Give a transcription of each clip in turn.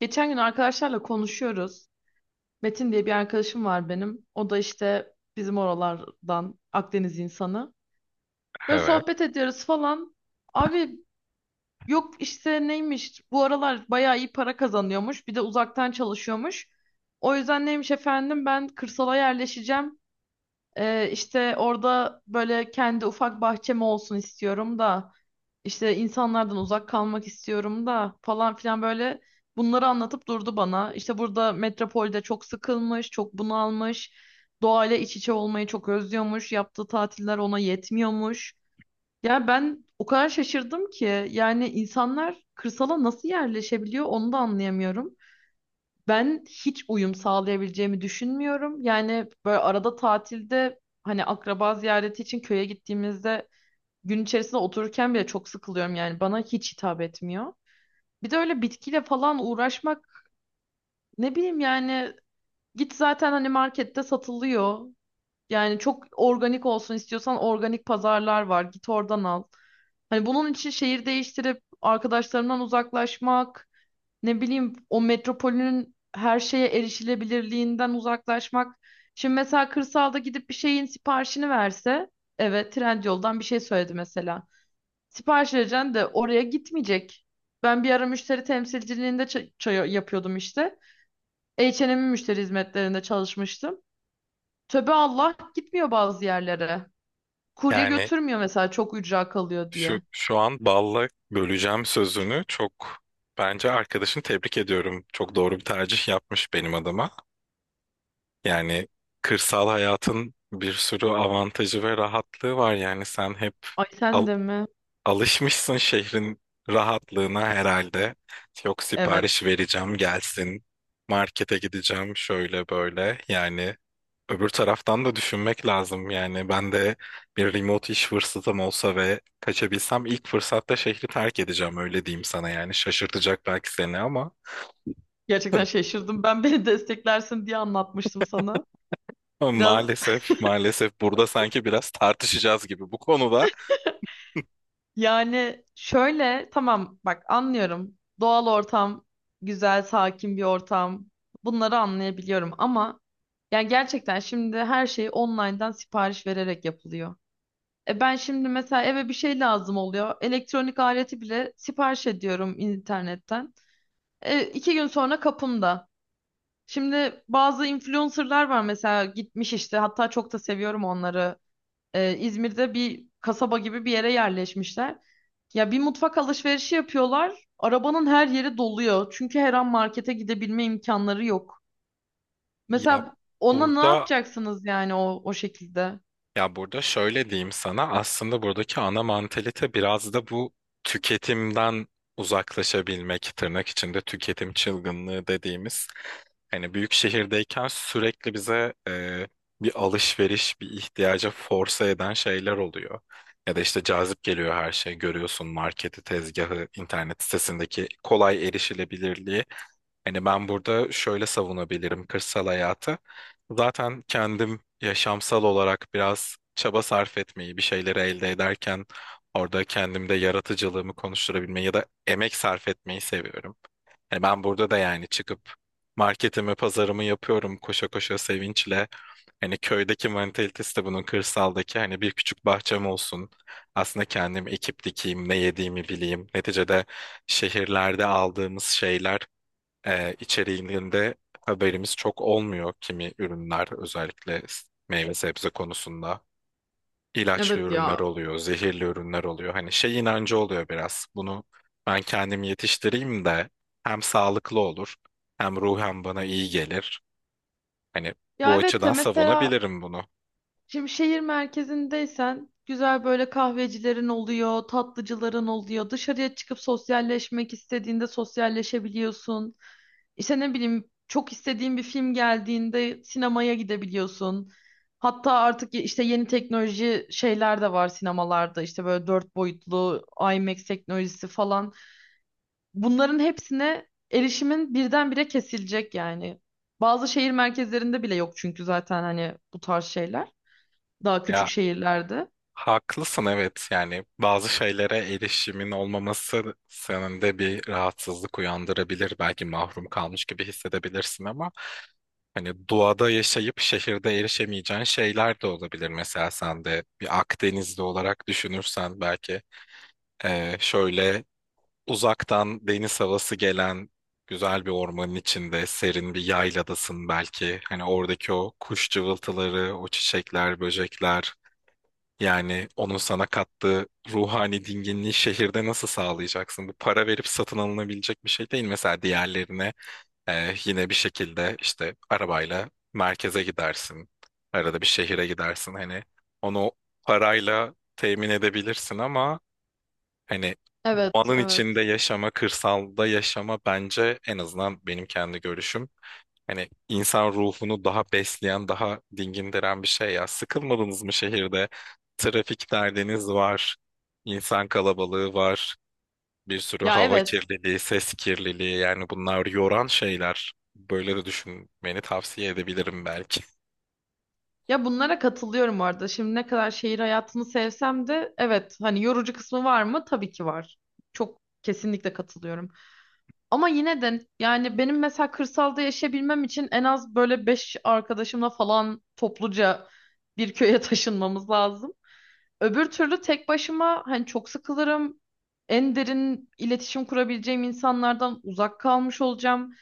Geçen gün arkadaşlarla konuşuyoruz. Metin diye bir arkadaşım var benim. O da işte bizim oralardan Akdeniz insanı. Böyle Evet. sohbet ediyoruz falan. Abi yok işte neymiş bu aralar bayağı iyi para kazanıyormuş. Bir de uzaktan çalışıyormuş. O yüzden neymiş efendim ben kırsala yerleşeceğim. İşte orada böyle kendi ufak bahçem olsun istiyorum da. İşte insanlardan uzak kalmak istiyorum da falan filan böyle bunları anlatıp durdu bana. İşte burada metropolde çok sıkılmış, çok bunalmış, doğayla iç içe olmayı çok özlüyormuş, yaptığı tatiller ona yetmiyormuş. Ya ben o kadar şaşırdım ki yani insanlar kırsala nasıl yerleşebiliyor onu da anlayamıyorum. Ben hiç uyum sağlayabileceğimi düşünmüyorum. Yani böyle arada tatilde hani akraba ziyareti için köye gittiğimizde gün içerisinde otururken bile çok sıkılıyorum yani bana hiç hitap etmiyor. Bir de öyle bitkiyle falan uğraşmak, ne bileyim yani, git zaten hani markette satılıyor. Yani çok organik olsun istiyorsan organik pazarlar var, git oradan al. Hani bunun için şehir değiştirip arkadaşlarımdan uzaklaşmak, ne bileyim, o metropolün her şeye erişilebilirliğinden uzaklaşmak. Şimdi mesela kırsalda gidip bir şeyin siparişini verse, evet, Trendyol'dan bir şey söyledi mesela. Sipariş vereceksin de oraya gitmeyecek. Ben bir ara müşteri temsilciliğinde çay yapıyordum işte. H&M'in müşteri hizmetlerinde çalışmıştım. Töbe Allah, gitmiyor bazı yerlere. Kurye Yani götürmüyor mesela, çok ücra kalıyor şu diye. şu an balla böleceğim sözünü çok bence arkadaşını tebrik ediyorum. Çok doğru bir tercih yapmış benim adıma. Yani kırsal hayatın bir sürü avantajı ve rahatlığı var. Yani sen hep Ay, sen de mi? alışmışsın şehrin rahatlığına herhalde. Yok, Evet. sipariş vereceğim gelsin. Markete gideceğim şöyle böyle. Yani öbür taraftan da düşünmek lazım. Yani ben de bir remote iş fırsatım olsa ve kaçabilsem ilk fırsatta şehri terk edeceğim, öyle diyeyim sana yani. Şaşırtacak belki seni ama Gerçekten şaşırdım. Ben beni desteklersin diye anlatmıştım sana. Biraz. maalesef maalesef burada sanki biraz tartışacağız gibi bu konuda. Yani şöyle, tamam, bak, anlıyorum. Doğal ortam, güzel, sakin bir ortam. Bunları anlayabiliyorum ama, yani, gerçekten şimdi her şey online'dan sipariş vererek yapılıyor. Ben şimdi mesela eve bir şey lazım oluyor. Elektronik aleti bile sipariş ediyorum internetten. İki gün sonra kapımda. Şimdi bazı influencerlar var mesela gitmiş işte, hatta çok da seviyorum onları. İzmir'de bir kasaba gibi bir yere yerleşmişler. Ya bir mutfak alışverişi yapıyorlar. Arabanın her yeri doluyor. Çünkü her an markete gidebilme imkanları yok. Ya Mesela ona ne burada yapacaksınız yani o şekilde? ya burada şöyle diyeyim sana, aslında buradaki ana mantalite biraz da bu tüketimden uzaklaşabilmek, tırnak içinde tüketim çılgınlığı dediğimiz. Hani büyük şehirdeyken sürekli bize bir alışveriş, bir ihtiyaca force eden şeyler oluyor. Ya da işte cazip geliyor her şey. Görüyorsun marketi, tezgahı, internet sitesindeki kolay erişilebilirliği. Hani ben burada şöyle savunabilirim kırsal hayatı. Zaten kendim yaşamsal olarak biraz çaba sarf etmeyi, bir şeyleri elde ederken orada kendimde yaratıcılığımı konuşturabilmeyi ya da emek sarf etmeyi seviyorum. Hani ben burada da yani çıkıp marketimi, pazarımı yapıyorum koşa koşa sevinçle. Hani köydeki mantalitesi de bunun, kırsaldaki hani bir küçük bahçem olsun. Aslında kendim ekip dikeyim, ne yediğimi bileyim. Neticede şehirlerde aldığımız şeyler içeriğinde haberimiz çok olmuyor, kimi ürünler özellikle meyve sebze konusunda ilaçlı Evet ürünler ya. oluyor, zehirli ürünler oluyor. Hani şey inancı oluyor biraz. Bunu ben kendim yetiştireyim de hem sağlıklı olur hem ruhen bana iyi gelir. Hani Ya bu evet de açıdan mesela savunabilirim bunu. şimdi şehir merkezindeysen güzel böyle kahvecilerin oluyor, tatlıcıların oluyor. Dışarıya çıkıp sosyalleşmek istediğinde sosyalleşebiliyorsun. İşte ne bileyim, çok istediğin bir film geldiğinde sinemaya gidebiliyorsun. Hatta artık işte yeni teknoloji şeyler de var sinemalarda, işte böyle dört boyutlu IMAX teknolojisi falan. Bunların hepsine erişimin birdenbire kesilecek yani. Bazı şehir merkezlerinde bile yok çünkü, zaten hani bu tarz şeyler. Daha küçük Ya şehirlerde. haklısın, evet, yani bazı şeylere erişimin olmaması senin de bir rahatsızlık uyandırabilir. Belki mahrum kalmış gibi hissedebilirsin ama hani doğada yaşayıp şehirde erişemeyeceğin şeyler de olabilir. Mesela sen de bir Akdenizli olarak düşünürsen belki. Şöyle, uzaktan deniz havası gelen güzel bir ormanın içinde serin bir yayladasın belki. Hani oradaki o kuş cıvıltıları, o çiçekler, böcekler. Yani onun sana kattığı ruhani dinginliği şehirde nasıl sağlayacaksın? Bu para verip satın alınabilecek bir şey değil. Mesela diğerlerine yine bir şekilde işte arabayla merkeze gidersin. Arada bir şehire gidersin. Hani onu parayla temin edebilirsin ama hani Evet, doğanın içinde evet. yaşama, kırsalda yaşama, bence en azından benim kendi görüşüm, hani insan ruhunu daha besleyen, daha dingindiren bir şey ya. Sıkılmadınız mı şehirde? Trafik derdiniz var, insan kalabalığı var, bir sürü Ya hava evet. kirliliği, ses kirliliği, yani bunlar yoran şeyler. Böyle de düşünmeni tavsiye edebilirim belki. Ya bunlara katılıyorum bu arada. Şimdi ne kadar şehir hayatını sevsem de, evet, hani yorucu kısmı var mı? Tabii ki var. Çok kesinlikle katılıyorum. Ama yine de yani benim mesela kırsalda yaşayabilmem için en az böyle beş arkadaşımla falan topluca bir köye taşınmamız lazım. Öbür türlü tek başıma hani çok sıkılırım. En derin iletişim kurabileceğim insanlardan uzak kalmış olacağım.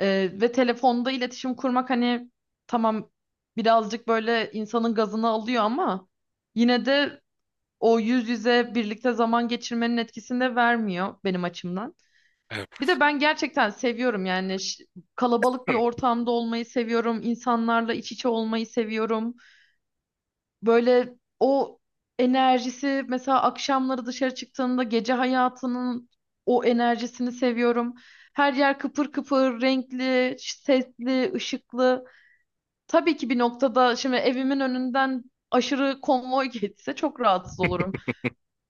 Ve telefonda iletişim kurmak hani, tamam, birazcık böyle insanın gazını alıyor ama yine de o yüz yüze birlikte zaman geçirmenin etkisini de vermiyor benim açımdan. Bir Evet. de ben gerçekten seviyorum yani kalabalık bir ortamda olmayı seviyorum, insanlarla iç içe olmayı seviyorum. Böyle o enerjisi, mesela akşamları dışarı çıktığımda gece hayatının o enerjisini seviyorum. Her yer kıpır kıpır, renkli, sesli, ışıklı. Tabii ki bir noktada şimdi evimin önünden aşırı konvoy geçse çok rahatsız olurum.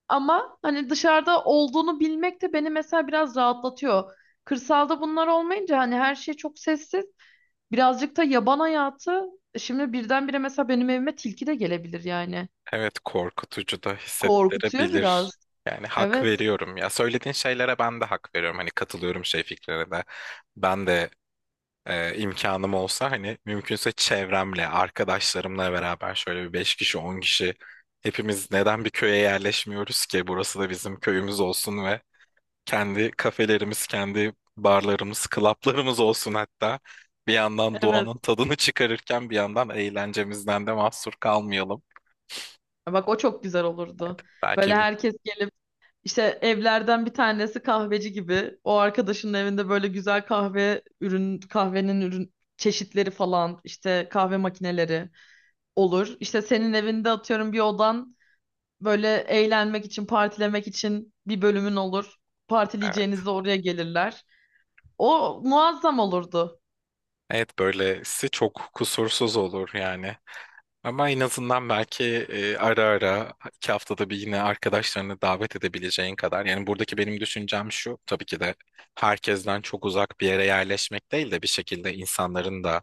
Ama hani dışarıda olduğunu bilmek de beni mesela biraz rahatlatıyor. Kırsalda bunlar olmayınca hani her şey çok sessiz. Birazcık da yaban hayatı. Şimdi birdenbire mesela benim evime tilki de gelebilir yani. Evet, korkutucu da Korkutuyor hissettirebilir. biraz. Yani hak Evet. veriyorum ya. Söylediğin şeylere ben de hak veriyorum. Hani katılıyorum şey fikrine de. Ben de imkanım olsa, hani mümkünse çevremle, arkadaşlarımla beraber şöyle bir 5 kişi, 10 kişi hepimiz neden bir köye yerleşmiyoruz ki? Burası da bizim köyümüz olsun ve kendi kafelerimiz, kendi barlarımız, klaplarımız olsun hatta. Bir yandan Evet. doğanın tadını çıkarırken bir yandan eğlencemizden de mahsur kalmayalım. Bak, o çok güzel olurdu. Böyle Belki bu. herkes gelip işte, evlerden bir tanesi kahveci gibi. O arkadaşının evinde böyle güzel kahvenin ürün çeşitleri falan, işte kahve makineleri olur. İşte senin evinde atıyorum bir odan, böyle eğlenmek için, partilemek için bir bölümün olur. Evet. Partileyeceğinizde oraya gelirler. O muazzam olurdu. Evet, böylesi çok kusursuz olur yani. Ama en azından belki ara ara 2 haftada bir yine arkadaşlarını davet edebileceğin kadar. Yani buradaki benim düşüncem şu: tabii ki de herkesten çok uzak bir yere yerleşmek değil de bir şekilde insanların da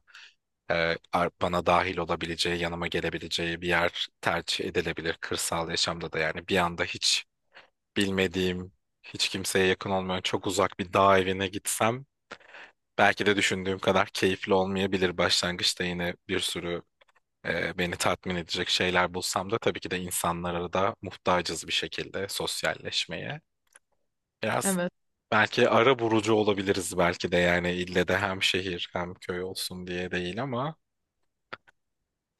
bana dahil olabileceği, yanıma gelebileceği bir yer tercih edilebilir kırsal yaşamda da. Yani bir anda hiç bilmediğim, hiç kimseye yakın olmayan çok uzak bir dağ evine gitsem belki de düşündüğüm kadar keyifli olmayabilir başlangıçta, yine bir sürü beni tatmin edecek şeyler bulsam da tabii ki de insanlara da muhtacız bir şekilde sosyalleşmeye. Biraz Evet. belki ara bulucu olabiliriz belki de, yani ille de hem şehir hem köy olsun diye değil ama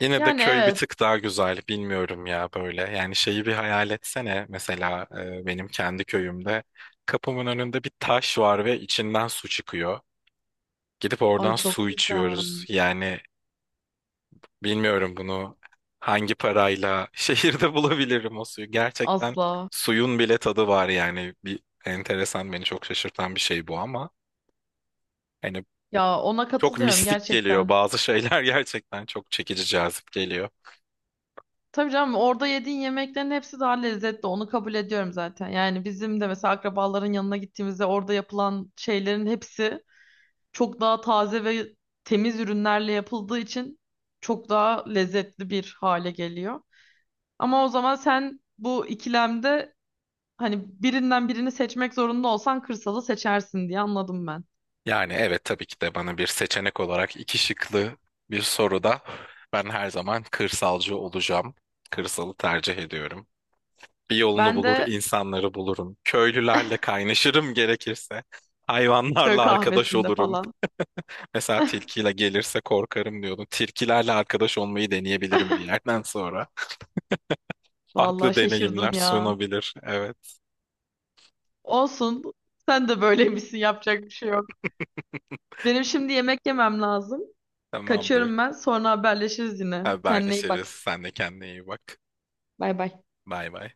yine de Yani köy bir evet. tık daha güzel, bilmiyorum ya böyle. Yani şeyi bir hayal etsene, mesela benim kendi köyümde kapımın önünde bir taş var ve içinden su çıkıyor. Gidip Ay oradan çok su güzel. içiyoruz. Yani bilmiyorum bunu hangi parayla şehirde bulabilirim o suyu. Gerçekten Asla. suyun bile tadı var yani. Bir enteresan, beni çok şaşırtan bir şey bu ama hani Ya ona çok katılıyorum mistik geliyor. gerçekten. Bazı şeyler gerçekten çok çekici, cazip geliyor. Tabii canım, orada yediğin yemeklerin hepsi daha lezzetli. Onu kabul ediyorum zaten. Yani bizim de mesela akrabaların yanına gittiğimizde orada yapılan şeylerin hepsi çok daha taze ve temiz ürünlerle yapıldığı için çok daha lezzetli bir hale geliyor. Ama o zaman sen bu ikilemde, hani birinden birini seçmek zorunda olsan, kırsalı seçersin diye anladım ben. Yani evet, tabii ki de bana bir seçenek olarak iki şıklı bir soruda ben her zaman kırsalcı olacağım. Kırsalı tercih ediyorum. Bir yolunu Ben bulur, de insanları bulurum. Köylülerle kaynaşırım gerekirse. köy Hayvanlarla arkadaş kahvesinde olurum. falan. Mesela tilkiyle gelirse korkarım diyordum. Tilkilerle arkadaş olmayı deneyebilirim bir yerden sonra. Farklı Vallahi deneyimler şaşırdım ya. sunabilir. Evet, Olsun. Sen de böyleymişsin. Yapacak bir şey yok. Benim şimdi yemek yemem lazım. tamamdır. Kaçıyorum ben. Sonra haberleşiriz yine. Kendine iyi bak. Haberleşiriz. Sen de kendine iyi bak. Bay bay. Bay bay.